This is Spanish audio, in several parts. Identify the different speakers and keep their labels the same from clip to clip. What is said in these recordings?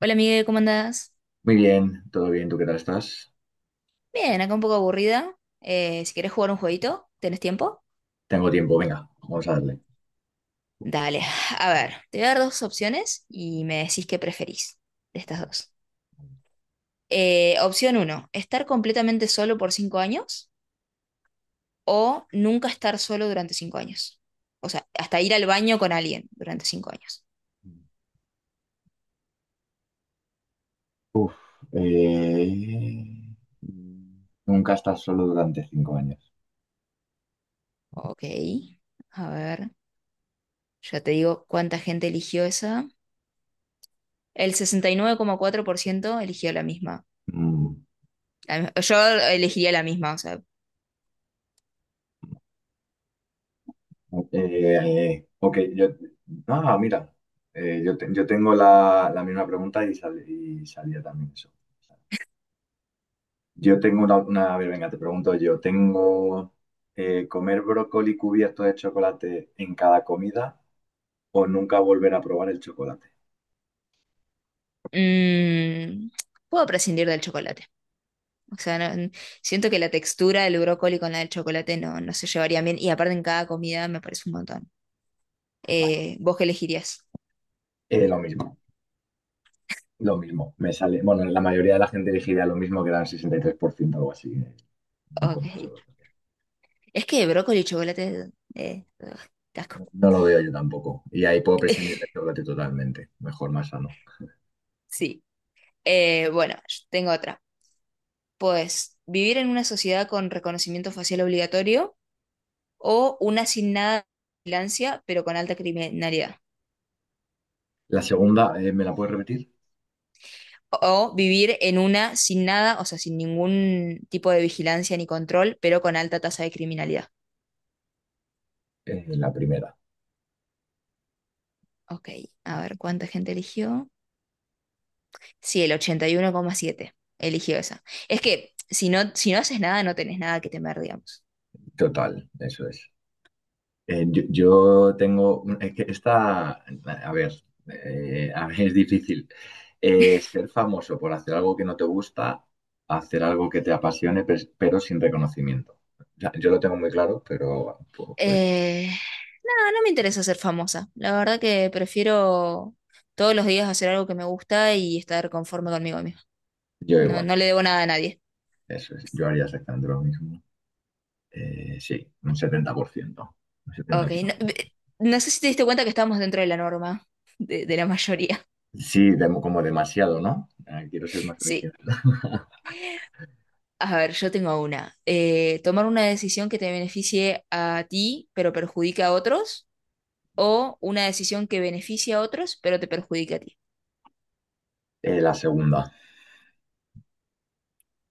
Speaker 1: Hola, Miguel, ¿cómo andás?
Speaker 2: Muy bien, todo bien, ¿tú qué tal estás?
Speaker 1: Bien, acá un poco aburrida. Si querés jugar un jueguito, ¿tenés tiempo?
Speaker 2: Tengo tiempo, venga, vamos a darle.
Speaker 1: Dale, a ver, te voy a dar dos opciones y me decís qué preferís de estas dos. Opción uno, estar completamente solo por 5 años o nunca estar solo durante 5 años. O sea, hasta ir al baño con alguien durante 5 años.
Speaker 2: Uf, eh, nunca estás solo durante 5 años.
Speaker 1: Ok, a ver, ya te digo cuánta gente eligió esa. El 69,4% eligió la misma.
Speaker 2: Mm,
Speaker 1: Yo elegiría la misma, o sea,
Speaker 2: ok, yo. Ah, mira, yo tengo la misma pregunta y, y salía también eso. Yo tengo a ver, venga, te pregunto yo. ¿Tengo comer brócoli cubierto de chocolate en cada comida o nunca volver a probar el chocolate?
Speaker 1: Mm, puedo prescindir del chocolate. O sea, siento que la textura del brócoli con la del chocolate no, no se llevaría bien. Y aparte en cada comida me parece un montón.
Speaker 2: Vale,
Speaker 1: ¿Vos qué elegirías?
Speaker 2: lo mismo. Lo mismo, me sale. Bueno, la mayoría de la gente elegiría lo mismo que era el 63% o algo así. No, con-
Speaker 1: Ok. Es que brócoli y chocolate... ugh, qué asco.
Speaker 2: no, no lo veo yo tampoco. Y ahí puedo prescindir del chocolate totalmente. Mejor, más sano.
Speaker 1: Sí. Bueno, yo tengo otra. Pues vivir en una sociedad con reconocimiento facial obligatorio o una sin nada de vigilancia, pero con alta criminalidad.
Speaker 2: La segunda, ¿me la puedes repetir?
Speaker 1: O vivir en una sin nada, o sea, sin ningún tipo de vigilancia ni control, pero con alta tasa de criminalidad.
Speaker 2: La primera.
Speaker 1: Ok, a ver, ¿cuánta gente eligió? Sí, el 81,7 eligió esa. Es que si no haces nada, no tenés nada que temer, digamos.
Speaker 2: Total, eso es. Yo tengo. Es que esta. A ver, es difícil. Ser famoso por hacer algo que no te gusta, hacer algo que te apasione, pero sin reconocimiento. O sea, yo lo tengo muy claro, pero pues.
Speaker 1: Eh, no, no me interesa ser famosa. La verdad que prefiero todos los días hacer algo que me gusta y estar conforme conmigo misma.
Speaker 2: Yo
Speaker 1: No,
Speaker 2: igual,
Speaker 1: no le debo nada a nadie.
Speaker 2: eso es. Yo haría exactamente lo mismo. Sí, un 70%. Un
Speaker 1: Ok, no,
Speaker 2: 70,5%.
Speaker 1: no sé si te diste cuenta que estamos dentro de la norma, de la mayoría.
Speaker 2: Sí, como demasiado, ¿no? Quiero ser más
Speaker 1: Sí.
Speaker 2: original.
Speaker 1: A ver, yo tengo una. Tomar una decisión que te beneficie a ti, pero perjudique a otros, o una decisión que beneficie a otros, pero te perjudique a ti.
Speaker 2: La segunda.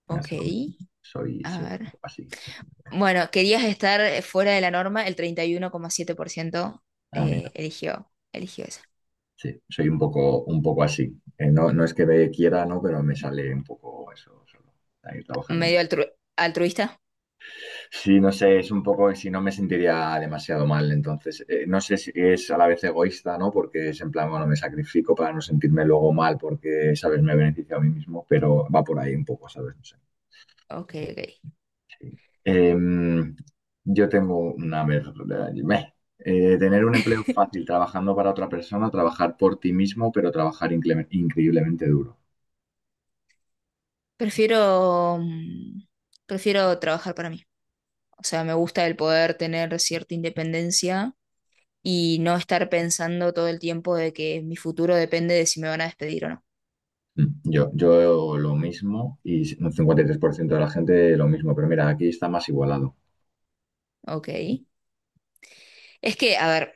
Speaker 2: La
Speaker 1: Ok,
Speaker 2: segunda. Soy,
Speaker 1: a
Speaker 2: soy un
Speaker 1: ver.
Speaker 2: poco así.
Speaker 1: Bueno, querías estar fuera de la norma, el 31,7%
Speaker 2: Ah, mira.
Speaker 1: eligió eso.
Speaker 2: Sí, soy un poco así. No, no es que me quiera, ¿no? Pero me sale un poco eso solo. Hay que trabajar en ello.
Speaker 1: Medio altruista.
Speaker 2: Sí, no sé, es un poco, si no me sentiría demasiado mal, entonces, no sé si es a la vez egoísta, ¿no? Porque es en plan, bueno, me sacrifico para no sentirme luego mal porque, ¿sabes? Me beneficio a mí mismo, pero va por ahí un poco, ¿sabes? No sé.
Speaker 1: Ok, ok.
Speaker 2: Sí. Em, yo tengo una. Meh. Tener un empleo fácil trabajando para otra persona, trabajar por ti mismo, pero trabajar increíblemente duro.
Speaker 1: Prefiero, mm, prefiero trabajar para mí. O sea, me gusta el poder tener cierta independencia y no estar pensando todo el tiempo de que mi futuro depende de si me van a despedir o no.
Speaker 2: Yo lo mismo y un 53% de la gente lo mismo, pero mira, aquí está más igualado.
Speaker 1: Ok. Es que, a ver,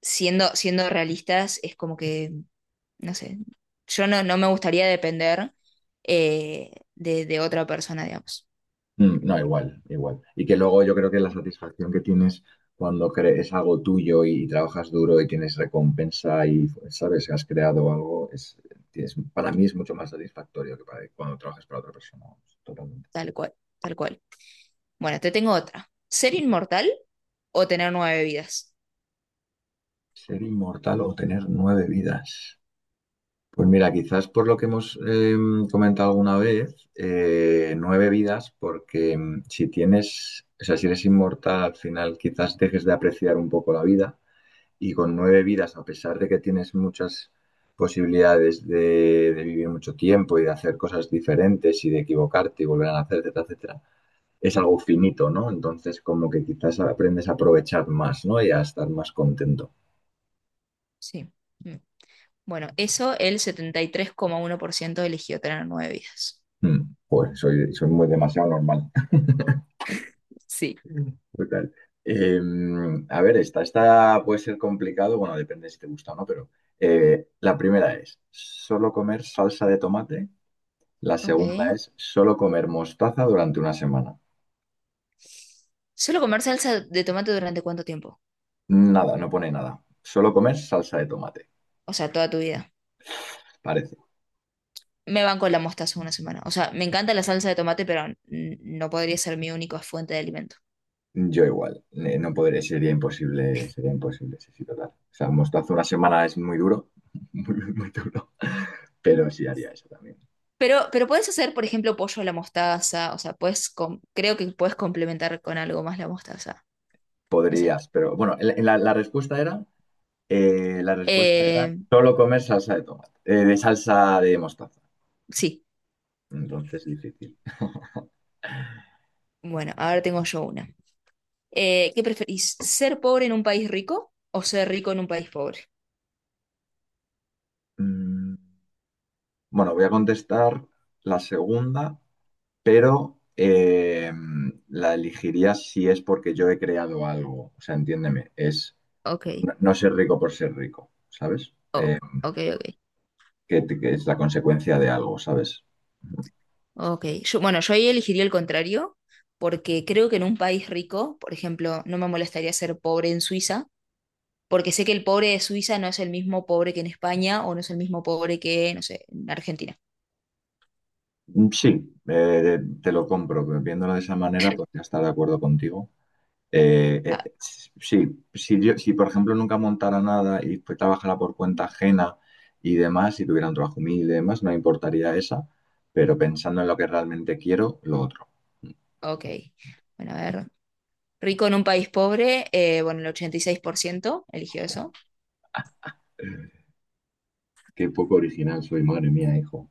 Speaker 1: siendo realistas, es como que, no sé, yo no me gustaría depender de otra persona, digamos.
Speaker 2: No, igual, igual. Y que luego yo creo que la satisfacción que tienes cuando crees algo tuyo y, trabajas duro y tienes recompensa y sabes que has creado algo, es, para mí es mucho más satisfactorio que para, cuando trabajas para otra persona. Totalmente.
Speaker 1: Tal cual, tal cual. Bueno, te tengo otra. ¿Ser inmortal o tener nueve vidas?
Speaker 2: ¿Ser inmortal o tener nueve vidas? Pues mira, quizás por lo que hemos comentado alguna vez, nueve vidas, porque si tienes, o sea, si eres inmortal al final quizás dejes de apreciar un poco la vida y con nueve vidas, a pesar de que tienes muchas posibilidades de vivir mucho tiempo y de hacer cosas diferentes y de equivocarte y volver a hacer, etcétera, etcétera, es algo finito, ¿no? Entonces, como que quizás aprendes a aprovechar más, ¿no? Y a estar más contento.
Speaker 1: Sí. Mm. Bueno, eso el 73,1% eligió tener nueve vidas.
Speaker 2: Pues soy muy demasiado normal.
Speaker 1: Sí.
Speaker 2: Total. Eh, a ver, esta puede ser complicado, bueno, depende si te gusta o no, pero la primera es, ¿solo comer salsa de tomate? La segunda
Speaker 1: Ok.
Speaker 2: es solo comer mostaza durante una semana.
Speaker 1: ¿Solo comer salsa de tomate durante cuánto tiempo?
Speaker 2: Nada, no pone nada. Solo comer salsa de tomate,
Speaker 1: O sea, toda tu vida.
Speaker 2: parece.
Speaker 1: Me banco la mostaza una semana. O sea, me encanta la salsa de tomate, pero no podría ser mi única fuente de alimento.
Speaker 2: Yo igual, no podré, sería imposible, sí, sí, total. O sea, mostaza una semana es muy duro, muy, muy, muy duro, pero sí haría eso también.
Speaker 1: Pero puedes hacer, por ejemplo, pollo a la mostaza. O sea, puedes creo que puedes complementar con algo más la mostaza. No sé.
Speaker 2: Podrías, pero bueno, la respuesta era
Speaker 1: Eh,
Speaker 2: solo comer salsa de tomate, de salsa de mostaza.
Speaker 1: sí.
Speaker 2: Entonces, difícil.
Speaker 1: Bueno, ahora tengo yo una. ¿Qué preferís? ¿Ser pobre en un país rico o ser rico en un país pobre?
Speaker 2: Mm, Bueno, voy a contestar la segunda, pero la elegiría si es porque yo he creado algo. O sea, entiéndeme, es
Speaker 1: Ok,
Speaker 2: no, no ser rico por ser rico, ¿sabes?
Speaker 1: ok,
Speaker 2: Eh,
Speaker 1: ok, ok.
Speaker 2: que, que es la consecuencia de algo, ¿sabes?
Speaker 1: Ok. Yo, bueno, yo ahí elegiría el contrario, porque creo que en un país rico, por ejemplo, no me molestaría ser pobre en Suiza porque sé que el pobre de Suiza no es el mismo pobre que en España o no es el mismo pobre que, no sé, en Argentina.
Speaker 2: Mm, sí, te lo compro, pero viéndolo de esa manera podría estar de acuerdo contigo.
Speaker 1: Ah,
Speaker 2: Sí, si yo, si por ejemplo nunca montara nada y pues trabajara por cuenta ajena y demás, si tuviera un trabajo humilde y demás, no me importaría esa, pero pensando en lo que realmente quiero, lo otro.
Speaker 1: ok. Bueno, a ver. Rico en un país pobre, bueno, el 86% eligió eso.
Speaker 2: Qué poco original soy, madre mía, hijo.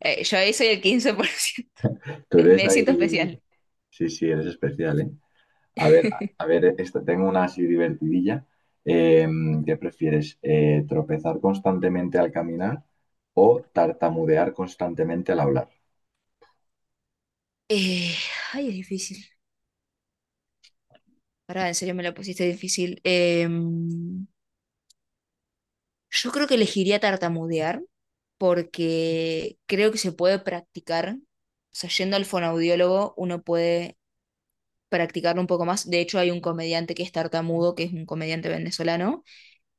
Speaker 1: Yo ahí soy el 15%.
Speaker 2: Tú
Speaker 1: Me,
Speaker 2: eres
Speaker 1: me
Speaker 2: ahí.
Speaker 1: siento especial.
Speaker 2: Sí, sí, eres especial, ¿eh? A ver, a a ver, esta, tengo una así divertidilla. Eh, ¿Qué prefieres? ¿Tropezar constantemente al caminar o tartamudear constantemente al hablar?
Speaker 1: Eh, Ay, es difícil. Pará, en serio me la pusiste difícil. Yo creo que elegiría tartamudear porque creo que se puede practicar. O sea, yendo al fonaudiólogo, uno puede practicarlo un poco más. De hecho, hay un comediante que es tartamudo, que es un comediante venezolano,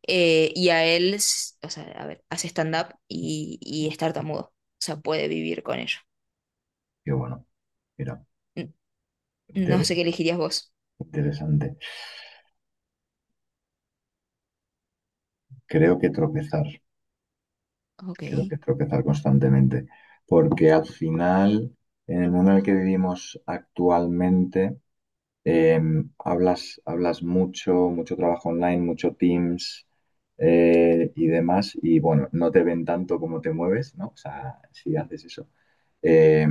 Speaker 1: y a él, o sea, a ver, hace stand-up y es tartamudo. O sea, puede vivir con ello.
Speaker 2: Qué bueno. Mira,
Speaker 1: N- No
Speaker 2: inter-
Speaker 1: sé qué elegirías vos.
Speaker 2: interesante. Creo que tropezar,
Speaker 1: Ok.
Speaker 2: creo que tropezar constantemente, porque al final, en el mundo en el que vivimos actualmente, Eh, hablas, mucho, mucho trabajo online, mucho Teams y demás. Y bueno, no te ven tanto como te mueves, ¿no? O sea, si haces eso. Eh,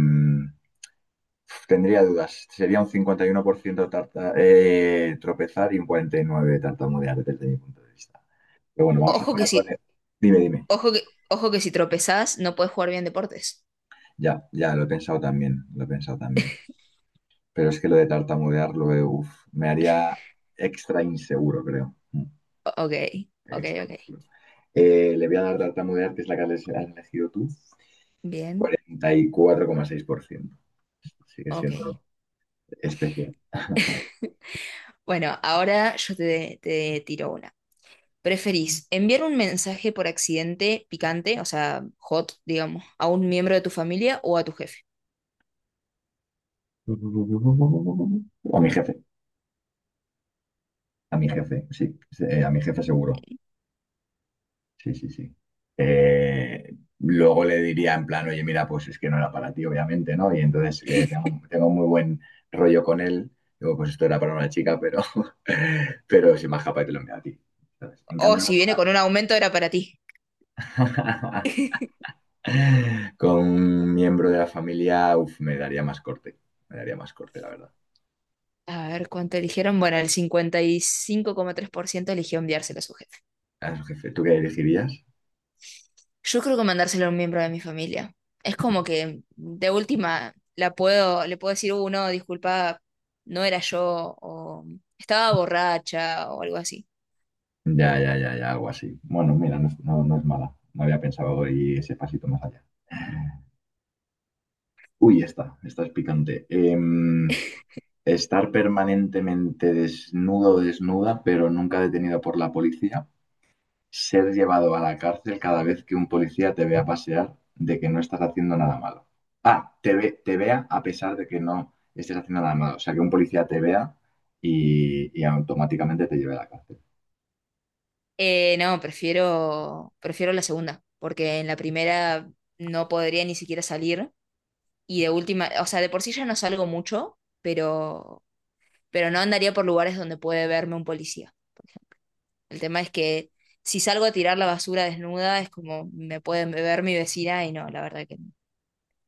Speaker 2: Tendría dudas. Sería un 51% tropezar y un 49% tartamudear desde mi punto de vista. Pero bueno,
Speaker 1: Ojo
Speaker 2: voy
Speaker 1: que
Speaker 2: a
Speaker 1: si,
Speaker 2: poner. Dime, dime.
Speaker 1: ojo que, ojo que si tropezás, no puedes jugar bien deportes.
Speaker 2: Ya, ya, lo he pensado también, lo he pensado también. Pero es que lo de tartamudear, me haría extra inseguro, creo. Mm.
Speaker 1: Ok, ok,
Speaker 2: Extra.
Speaker 1: ok.
Speaker 2: Le voy a dar tartamudear, que es la que has elegido tú,
Speaker 1: Bien.
Speaker 2: 44,6%. Sigue
Speaker 1: Ok.
Speaker 2: siendo especial.
Speaker 1: Bueno, ahora yo te tiro una. ¿Preferís enviar un mensaje por accidente picante, o sea, hot, digamos, a un miembro de tu familia o a tu jefe?
Speaker 2: O a mi jefe, sí, sí, a mi jefe seguro. Sí, sí, sí. Luego le diría en plan, oye, mira, pues es que no era para ti, obviamente, ¿no? Y entonces tengo muy buen rollo con él. Digo, pues esto era para una chica, pero, pero soy más capaz y te lo envío a ti. ¿Sabes? En
Speaker 1: O
Speaker 2: cambio,
Speaker 1: si
Speaker 2: no.
Speaker 1: viene con un aumento era para ti.
Speaker 2: Con un miembro de la familia, uf, me daría más corte. Me daría más corte, la verdad.
Speaker 1: A ver, ¿cuánto eligieron? Bueno, el 55,3% eligió enviárselo a su jefe.
Speaker 2: A su jefe, ¿tú qué elegirías?
Speaker 1: Yo creo que mandárselo a un miembro de mi familia. Es como que de última le puedo decir, no disculpa, no era yo, o estaba borracha, o algo así.
Speaker 2: Ya, ya, ya, ya, algo así. Bueno, mira, no es, no, no es mala. No había pensado ir ese pasito más allá. Uy, esta es picante. Estar permanentemente desnudo o desnuda, pero nunca detenido por la policía. Ser llevado a la cárcel cada vez que un policía te vea pasear de que no estás haciendo nada malo. Ah, te vea a pesar de que no estés haciendo nada malo. O sea, que un policía te vea y automáticamente te lleve a la cárcel.
Speaker 1: No, prefiero la segunda, porque en la primera no podría ni siquiera salir y de última, o sea, de por sí ya no salgo mucho, pero, pero no andaría por lugares donde puede verme un policía, por ejemplo. El tema es que si salgo a tirar la basura desnuda es como me puede ver mi vecina y no, la verdad que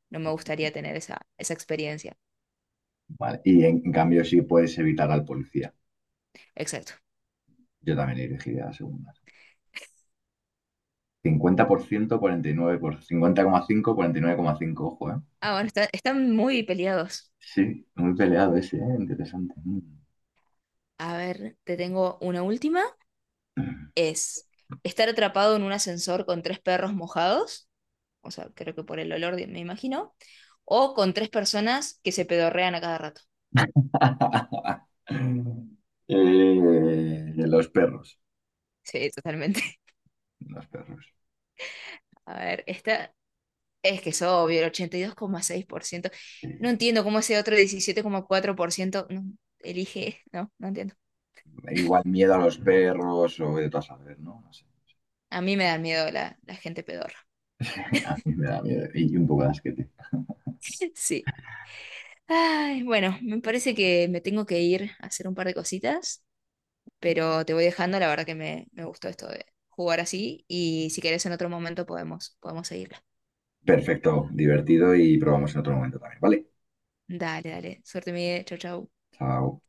Speaker 1: no me gustaría tener esa experiencia.
Speaker 2: Vale. Y en cambio sí puedes evitar al policía.
Speaker 1: Exacto.
Speaker 2: Yo también elegiría la segunda. Cincuenta cincuenta por ciento, 49 por 50,5, 50%, 9,5. Ojo, ¿eh?
Speaker 1: Ah, bueno, están muy peleados.
Speaker 2: Sí, muy peleado ese, ¿eh? Interesante. Mm.
Speaker 1: A ver, te tengo una última. Es estar atrapado en un ascensor con tres perros mojados, o sea, creo que por el olor me imagino, o con tres personas que se pedorrean a cada rato.
Speaker 2: Los perros,
Speaker 1: Sí, totalmente.
Speaker 2: los perros.
Speaker 1: A ver, esta es que es obvio, el 82,6%. No
Speaker 2: Eh,
Speaker 1: entiendo cómo ese otro 17,4% no elige, no, no entiendo.
Speaker 2: Igual miedo a los perros o de todas saber, ¿no? No sé.
Speaker 1: A mí me da miedo la gente pedorra.
Speaker 2: A mí me da miedo y un poco de asquete.
Speaker 1: Sí. Ay, bueno, me parece que me tengo que ir a hacer un par de cositas. Pero te voy dejando, la verdad que me gustó esto de jugar así y si querés en otro momento podemos seguirla.
Speaker 2: Perfecto, divertido y probamos en otro momento también, ¿vale?
Speaker 1: Dale, dale, suerte Miguel, chau, chau.
Speaker 2: Chao.